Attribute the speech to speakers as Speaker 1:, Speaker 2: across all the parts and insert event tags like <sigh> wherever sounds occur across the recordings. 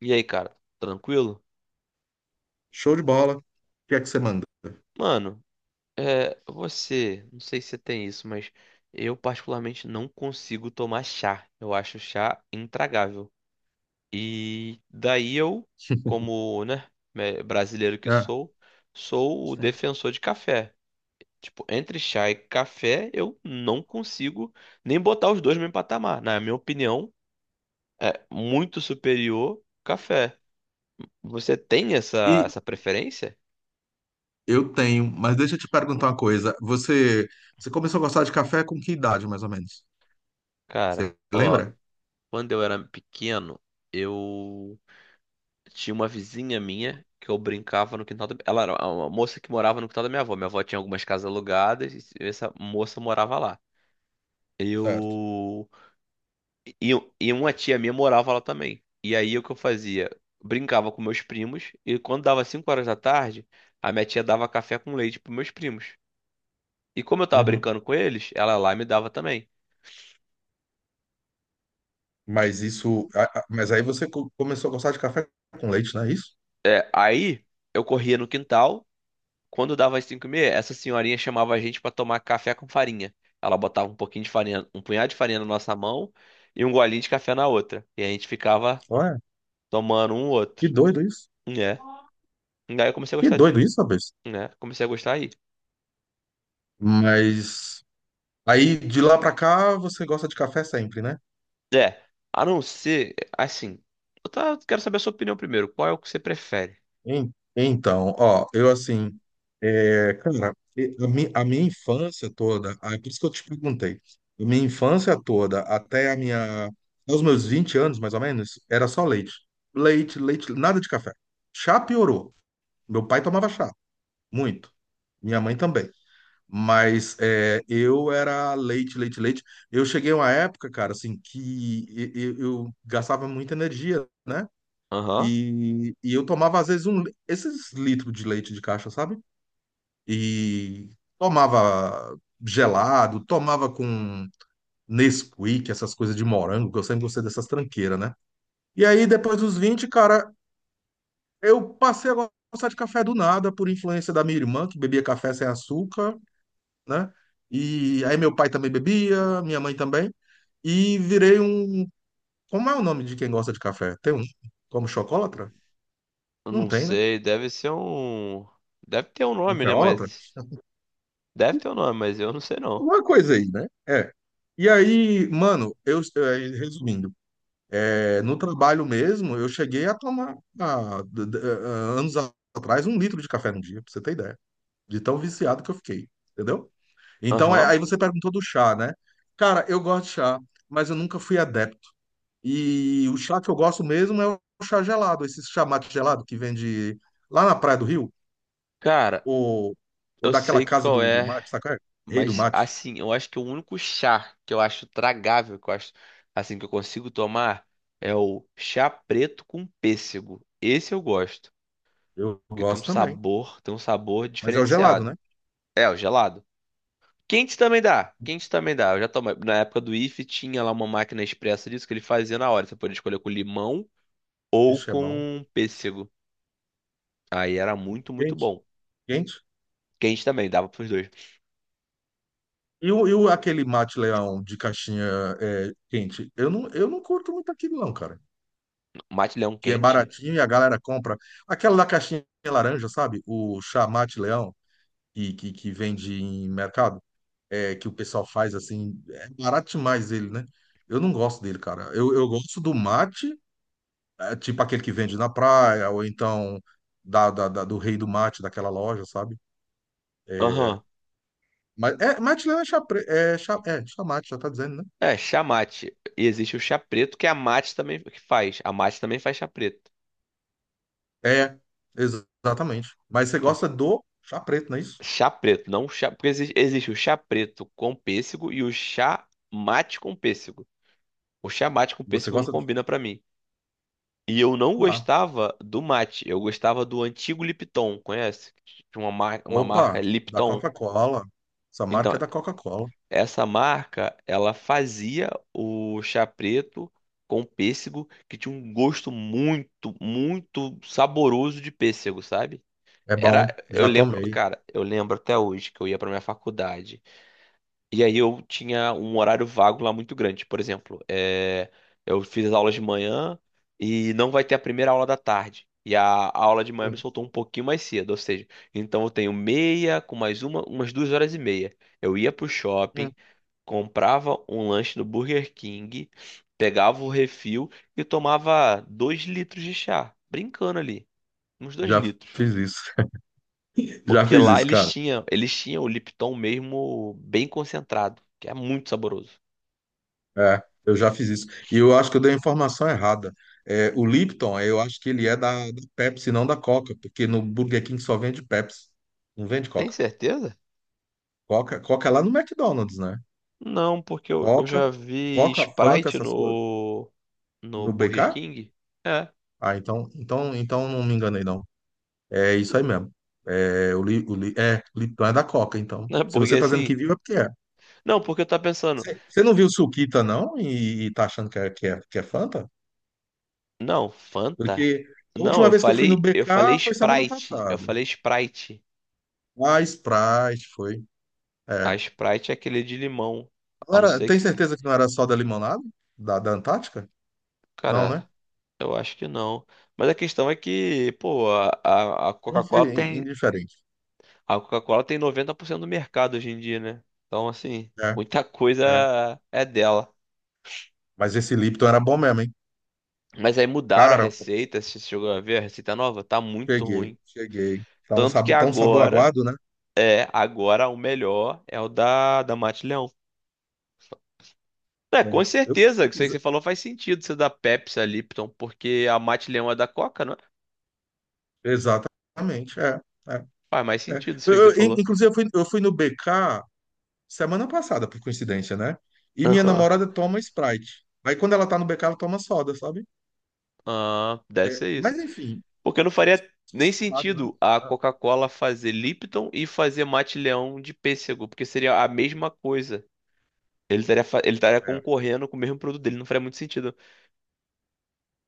Speaker 1: E aí, cara, tranquilo?
Speaker 2: Show de bola. O que é que você manda?
Speaker 1: Mano, você, não sei se você tem isso, mas eu particularmente não consigo tomar chá. Eu acho chá intragável. E daí eu, como, né, brasileiro que
Speaker 2: É.
Speaker 1: sou, sou o defensor de café. Tipo, entre chá e café, eu não consigo nem botar os dois no mesmo patamar. Na minha opinião, é muito superior café. Você tem essa,
Speaker 2: E
Speaker 1: essa preferência?
Speaker 2: eu tenho, mas deixa eu te perguntar uma coisa. Você começou a gostar de café com que idade, mais ou menos?
Speaker 1: Cara.
Speaker 2: Você lembra?
Speaker 1: Quando eu era pequeno, eu tinha uma vizinha minha que eu brincava no quintal da... Ela era uma moça que morava no quintal da minha avó. Minha avó tinha algumas casas alugadas e essa moça morava lá.
Speaker 2: Certo.
Speaker 1: Eu... E, e uma tia minha morava lá também. E aí o que eu fazia? Brincava com meus primos e quando dava 5 horas da tarde, a minha tia dava café com leite pros meus primos. E como eu tava
Speaker 2: Uhum.
Speaker 1: brincando com eles, ela lá me dava também.
Speaker 2: Mas isso, mas aí você começou a gostar de café com leite, não é isso?
Speaker 1: É, aí eu corria no quintal. Quando dava as 5 e meia, essa senhorinha chamava a gente pra tomar café com farinha. Ela botava um pouquinho de farinha, um punhado de farinha na nossa mão e um golinho de café na outra. E a gente ficava
Speaker 2: Olha,
Speaker 1: tomando um outro.
Speaker 2: que doido isso.
Speaker 1: Né? Daí eu comecei a
Speaker 2: Que
Speaker 1: gostar de.
Speaker 2: doido isso, rapaz.
Speaker 1: Né? Comecei a gostar aí.
Speaker 2: Mas aí de lá pra cá você gosta de café sempre, né?
Speaker 1: É, a não ser. Assim. Quero saber a sua opinião primeiro. Qual é o que você prefere?
Speaker 2: Então, ó, eu assim, é, cara, a minha infância toda, é por isso que eu te perguntei, a minha infância toda, até a minha, aos meus 20 anos, mais ou menos, era só leite. Leite, leite, nada de café. Chá piorou. Meu pai tomava chá, muito. Minha mãe também. Mas é, eu era leite, leite, leite. Eu cheguei a uma época, cara, assim, que eu, gastava muita energia, né?
Speaker 1: Aham.
Speaker 2: E eu tomava, às vezes, um, esses litros de leite de caixa, sabe? E tomava gelado, tomava com Nesquik, essas coisas de morango, que eu sempre gostei dessas tranqueiras, né? E aí, depois dos 20 cara, eu passei a gostar de café do nada, por influência da minha irmã, que bebia café sem açúcar, né? E aí, meu pai também bebia, minha mãe também. E virei um. Como é o nome de quem gosta de café? Tem um. Como chocolatra?
Speaker 1: Eu
Speaker 2: Não
Speaker 1: não
Speaker 2: tem, né?
Speaker 1: sei. Deve ser um. Deve ter um nome, né?
Speaker 2: Cafeólatra?
Speaker 1: Mas. Deve ter um nome, mas eu não sei não.
Speaker 2: Alguma coisa aí, né? É. E aí, mano, eu, resumindo, no trabalho mesmo, eu cheguei a tomar, anos atrás, um litro de café no dia, pra você ter ideia, de tão viciado que eu fiquei, entendeu? Então,
Speaker 1: Aham.
Speaker 2: aí você perguntou do chá, né? Cara, eu gosto de chá, mas eu nunca fui adepto. E o chá que eu gosto mesmo é o chá gelado, esse chá mate gelado que vende lá na Praia do Rio,
Speaker 1: Cara,
Speaker 2: ou, ou
Speaker 1: eu
Speaker 2: daquela
Speaker 1: sei
Speaker 2: casa
Speaker 1: qual
Speaker 2: do
Speaker 1: é.
Speaker 2: mate, sabe? Qual é? Rei do
Speaker 1: Mas
Speaker 2: mate.
Speaker 1: assim, eu acho que o único chá que eu acho tragável, que eu acho assim que eu consigo tomar é o chá preto com pêssego. Esse eu gosto,
Speaker 2: Eu
Speaker 1: porque
Speaker 2: gosto também.
Speaker 1: tem um sabor
Speaker 2: Mas é o gelado,
Speaker 1: diferenciado.
Speaker 2: né?
Speaker 1: É, o gelado. Quente também dá, quente também dá. Eu já tomei. Na época do IF tinha lá uma máquina expressa disso que ele fazia na hora. Você podia escolher com limão ou
Speaker 2: Ixi, é bom.
Speaker 1: com pêssego. Aí era muito, muito
Speaker 2: Quente,
Speaker 1: bom.
Speaker 2: quente.
Speaker 1: Quente também, dava pros dois.
Speaker 2: Aquele mate leão de caixinha é, quente? Eu não curto muito aquilo, não, cara.
Speaker 1: Mate leão
Speaker 2: Que é
Speaker 1: quente.
Speaker 2: baratinho e a galera compra. Aquela da caixinha laranja, sabe? O chá mate leão, que vende em mercado, é, que o pessoal faz assim. É barato demais ele, né? Eu não gosto dele, cara. Eu gosto do mate, é, tipo aquele que vende na praia, ou então do rei do mate, daquela loja, sabe? É,
Speaker 1: Aham.
Speaker 2: mas, é, Matilena é, chapre, é, é chamate, já tá dizendo, né?
Speaker 1: É, chá mate. E existe o chá preto, que a mate também que faz. A mate também faz chá preto.
Speaker 2: É, exatamente. Mas você
Speaker 1: Por-
Speaker 2: gosta do chá preto, não é isso?
Speaker 1: Chá preto, não chá. Porque existe o chá preto com pêssego e o chá mate com pêssego. O chá mate com
Speaker 2: Você
Speaker 1: pêssego não
Speaker 2: gosta do.
Speaker 1: combina pra mim. E eu não
Speaker 2: Ah,
Speaker 1: gostava do mate. Eu gostava do antigo Lipton, conhece? Tinha uma, mar... uma marca
Speaker 2: opa, da
Speaker 1: Lipton.
Speaker 2: Coca-Cola. Essa
Speaker 1: Então,
Speaker 2: marca é da Coca-Cola.
Speaker 1: essa marca, ela fazia o chá preto com pêssego, que tinha um gosto muito, muito saboroso de pêssego, sabe?
Speaker 2: É
Speaker 1: Era,
Speaker 2: bom,
Speaker 1: eu
Speaker 2: já
Speaker 1: lembro,
Speaker 2: tomei.
Speaker 1: cara, eu lembro até hoje que eu ia pra minha faculdade. E aí eu tinha um horário vago lá muito grande. Por exemplo, é, eu fiz as aulas de manhã e não vai ter a primeira aula da tarde. E a aula de manhã me
Speaker 2: Hum,
Speaker 1: soltou um pouquinho mais cedo, ou seja, então eu tenho meia com mais uma, umas duas horas e meia. Eu ia pro
Speaker 2: hum,
Speaker 1: shopping, comprava um lanche no Burger King, pegava o refil e tomava dois litros de chá, brincando ali, uns dois
Speaker 2: já
Speaker 1: litros.
Speaker 2: fiz isso. <laughs> Já
Speaker 1: Porque
Speaker 2: fiz
Speaker 1: lá
Speaker 2: isso,
Speaker 1: eles
Speaker 2: cara.
Speaker 1: tinham, eles tinham o Lipton mesmo bem concentrado, que é muito saboroso.
Speaker 2: É, eu já fiz isso. E eu acho que eu dei a informação errada. É, o Lipton, é, eu acho que ele é da Pepsi, não da Coca, porque no Burger King só vende Pepsi. Não vende
Speaker 1: Tem
Speaker 2: Coca.
Speaker 1: certeza?
Speaker 2: Coca, Coca é lá no McDonald's, né?
Speaker 1: Não, porque eu
Speaker 2: Coca,
Speaker 1: já vi
Speaker 2: Coca, Fanta,
Speaker 1: Sprite
Speaker 2: essas coisas.
Speaker 1: no, no
Speaker 2: No
Speaker 1: Burger
Speaker 2: BK?
Speaker 1: King. É,
Speaker 2: Ah, então não me enganei, não. É isso aí mesmo. É, é, Lipton é da Coca, então.
Speaker 1: né?
Speaker 2: Se
Speaker 1: Porque
Speaker 2: você tá dizendo que
Speaker 1: assim.
Speaker 2: viu, é porque é.
Speaker 1: Não, porque eu tava pensando.
Speaker 2: Você não viu Suquita, não? E tá achando que é, Fanta?
Speaker 1: Não,
Speaker 2: Porque
Speaker 1: Fanta?
Speaker 2: a
Speaker 1: Não,
Speaker 2: última
Speaker 1: eu
Speaker 2: vez que eu fui no
Speaker 1: falei, eu falei
Speaker 2: BK foi semana
Speaker 1: Sprite. Eu
Speaker 2: passada.
Speaker 1: falei Sprite.
Speaker 2: Ah, Sprite foi.
Speaker 1: A
Speaker 2: É.
Speaker 1: Sprite é aquele de limão.
Speaker 2: Não
Speaker 1: A não
Speaker 2: era-
Speaker 1: ser
Speaker 2: tem
Speaker 1: que.
Speaker 2: certeza que não era só da limonada? Da Antártica? Não,
Speaker 1: Cara,
Speaker 2: né?
Speaker 1: eu acho que não. Mas a questão é que, pô, a, a Coca-Cola tem.
Speaker 2: Indiferente.
Speaker 1: A Coca-Cola tem 90% do mercado hoje em dia, né? Então, assim,
Speaker 2: É,
Speaker 1: muita
Speaker 2: é.
Speaker 1: coisa é dela.
Speaker 2: Mas esse Lipton era bom mesmo, hein?
Speaker 1: Mas aí mudaram a
Speaker 2: Cara,
Speaker 1: receita, você chegou a ver a receita nova? Tá muito
Speaker 2: cheguei,
Speaker 1: ruim.
Speaker 2: cheguei.
Speaker 1: Tanto que
Speaker 2: Tá um sabor
Speaker 1: agora,
Speaker 2: aguado, né?
Speaker 1: é, agora o melhor é o da, da Mate Leão. É, com
Speaker 2: É. Eu-
Speaker 1: certeza, isso aí que você falou faz sentido, você da Pepsi, a Lipton, porque a Mate Leão é da Coca, não é?
Speaker 2: exatamente, é, é,
Speaker 1: Faz mais
Speaker 2: é.
Speaker 1: sentido isso
Speaker 2: Eu-
Speaker 1: aí que você
Speaker 2: eu- in-
Speaker 1: falou.
Speaker 2: inclusive, eu fui no BK semana passada, por coincidência, né? E minha
Speaker 1: Aham.
Speaker 2: namorada toma Sprite. Aí quando ela tá no BK, ela toma soda, sabe?
Speaker 1: Ah, deve
Speaker 2: É,
Speaker 1: ser
Speaker 2: mas
Speaker 1: isso.
Speaker 2: enfim,
Speaker 1: Porque não faria nem
Speaker 2: nada, né?
Speaker 1: sentido a Coca-Cola fazer Lipton e fazer Mate Leão de pêssego, porque seria a mesma coisa. Ele estaria, ele estaria
Speaker 2: É,
Speaker 1: concorrendo com o mesmo produto dele, não faria muito sentido.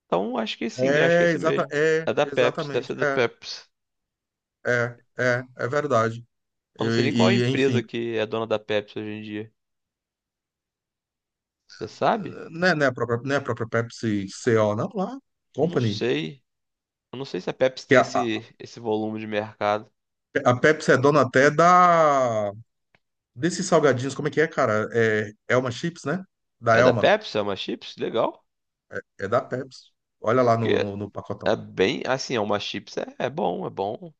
Speaker 1: Então, acho que sim, acho que é
Speaker 2: é, é,
Speaker 1: isso
Speaker 2: exata,
Speaker 1: mesmo.
Speaker 2: é,
Speaker 1: É da Pepsi, deve
Speaker 2: exatamente,
Speaker 1: ser da
Speaker 2: é,
Speaker 1: Pepsi.
Speaker 2: é, é, é verdade.
Speaker 1: Eu não
Speaker 2: Eu-
Speaker 1: sei nem qual é a
Speaker 2: e,
Speaker 1: empresa
Speaker 2: enfim,
Speaker 1: que é dona da Pepsi hoje em dia. Você sabe?
Speaker 2: não é, não é a própria Pepsi CO, não, lá,
Speaker 1: Eu não
Speaker 2: Company,
Speaker 1: sei. Eu não sei se a Pepsi
Speaker 2: que
Speaker 1: tem
Speaker 2: é a.
Speaker 1: esse volume de mercado.
Speaker 2: A Pepsi é dona até da. Desses salgadinhos, como é que é, cara? É Elma Chips, né? Da
Speaker 1: É da
Speaker 2: Elma.
Speaker 1: Pepsi? É uma chips? Legal.
Speaker 2: É da Pepsi. Olha lá no, no,
Speaker 1: Porque
Speaker 2: no
Speaker 1: é
Speaker 2: pacotão.
Speaker 1: bem. Assim, é uma chips. É, é bom, é bom.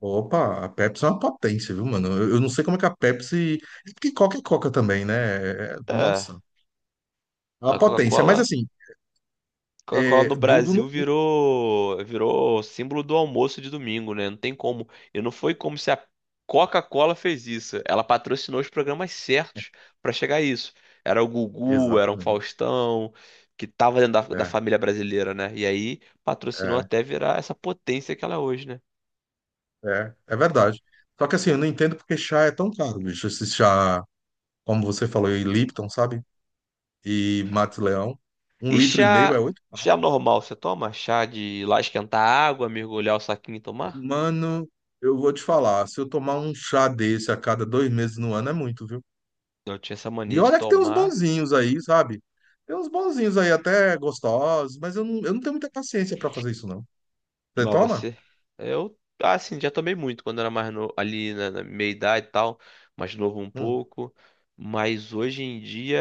Speaker 2: Opa, a Pepsi é uma potência, viu, mano? Eu não sei como é que a Pepsi. É porque Coca é Coca também, né?
Speaker 1: É.
Speaker 2: Nossa, é
Speaker 1: A
Speaker 2: uma potência. Mas
Speaker 1: Coca-Cola.
Speaker 2: assim,
Speaker 1: Coca-Cola no
Speaker 2: é... Dudu
Speaker 1: Brasil
Speaker 2: não.
Speaker 1: virou, virou símbolo do almoço de domingo, né? Não tem como. E não foi como se a Coca-Cola fez isso. Ela patrocinou os programas certos pra chegar a isso. Era o Gugu, era um
Speaker 2: Exatamente.
Speaker 1: Faustão, que tava dentro da, da
Speaker 2: É,
Speaker 1: família brasileira, né? E aí patrocinou
Speaker 2: é,
Speaker 1: até virar essa potência que ela é hoje, né?
Speaker 2: é, é verdade. Só que assim, eu não entendo porque chá é tão caro, bicho. Esse chá, como você falou, e Lipton, sabe? E Max Leão. Um
Speaker 1: E
Speaker 2: litro e meio é
Speaker 1: chá,
Speaker 2: oito.
Speaker 1: chá normal, você toma? Chá de ir lá esquentar água, mergulhar o saquinho e tomar?
Speaker 2: Mano, eu vou te falar, se eu tomar um chá desse a cada 2 meses no ano é muito, viu?
Speaker 1: Eu tinha essa
Speaker 2: E
Speaker 1: mania de
Speaker 2: olha que tem uns
Speaker 1: tomar.
Speaker 2: bonzinhos aí, sabe? Tem uns bonzinhos aí até gostosos, mas eu não tenho muita paciência pra fazer isso, não. Você
Speaker 1: Mal
Speaker 2: toma?
Speaker 1: você. Eu, assim, já tomei muito quando era mais novo, ali na, na meia idade e tal, mais novo um
Speaker 2: Hum,
Speaker 1: pouco. Mas hoje em dia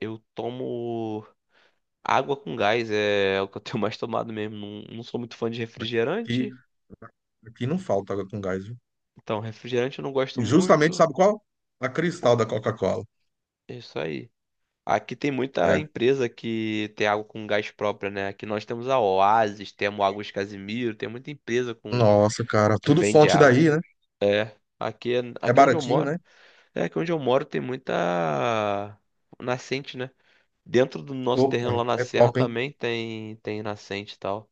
Speaker 1: eu tomo água com gás, é, é o que eu tenho <laughs> mais tomado mesmo. Não, não sou muito fã de
Speaker 2: aqui,
Speaker 1: refrigerante,
Speaker 2: aqui não falta água com gás, viu?
Speaker 1: então refrigerante eu não gosto
Speaker 2: E justamente,
Speaker 1: muito.
Speaker 2: sabe qual? A Cristal da Coca-Cola.
Speaker 1: É isso aí. Aqui tem muita
Speaker 2: É.
Speaker 1: empresa que tem água com gás própria, né? Aqui nós temos a Oasis, temos Águas Casimiro, tem muita empresa com
Speaker 2: Nossa, cara,
Speaker 1: que
Speaker 2: tudo
Speaker 1: vende
Speaker 2: fonte
Speaker 1: água.
Speaker 2: daí, né?
Speaker 1: É, aqui,
Speaker 2: É
Speaker 1: aqui onde eu
Speaker 2: baratinho,
Speaker 1: moro.
Speaker 2: né?
Speaker 1: É que onde eu moro tem muita nascente, né? Dentro do nosso terreno
Speaker 2: Opa,
Speaker 1: lá na
Speaker 2: é
Speaker 1: serra
Speaker 2: top, hein?
Speaker 1: também tem nascente e tal.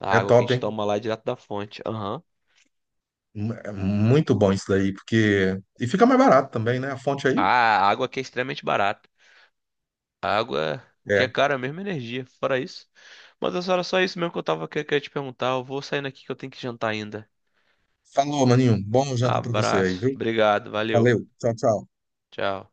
Speaker 1: A
Speaker 2: É
Speaker 1: água que a
Speaker 2: top,
Speaker 1: gente
Speaker 2: hein?
Speaker 1: toma lá é direto da fonte. Aham.
Speaker 2: É muito bom isso daí, porque. E fica mais barato também, né? A fonte aí.
Speaker 1: Ah, a água aqui é extremamente barata. A água, o que é
Speaker 2: É.
Speaker 1: caro é mesmo energia, fora isso. Mas essa era só isso mesmo que eu tava querendo te perguntar. Eu vou saindo aqui que eu tenho que jantar ainda.
Speaker 2: Falou, maninho. Bom jantar pra você aí,
Speaker 1: Abraço.
Speaker 2: viu?
Speaker 1: Obrigado, valeu.
Speaker 2: Valeu. Tchau, tchau.
Speaker 1: Tchau.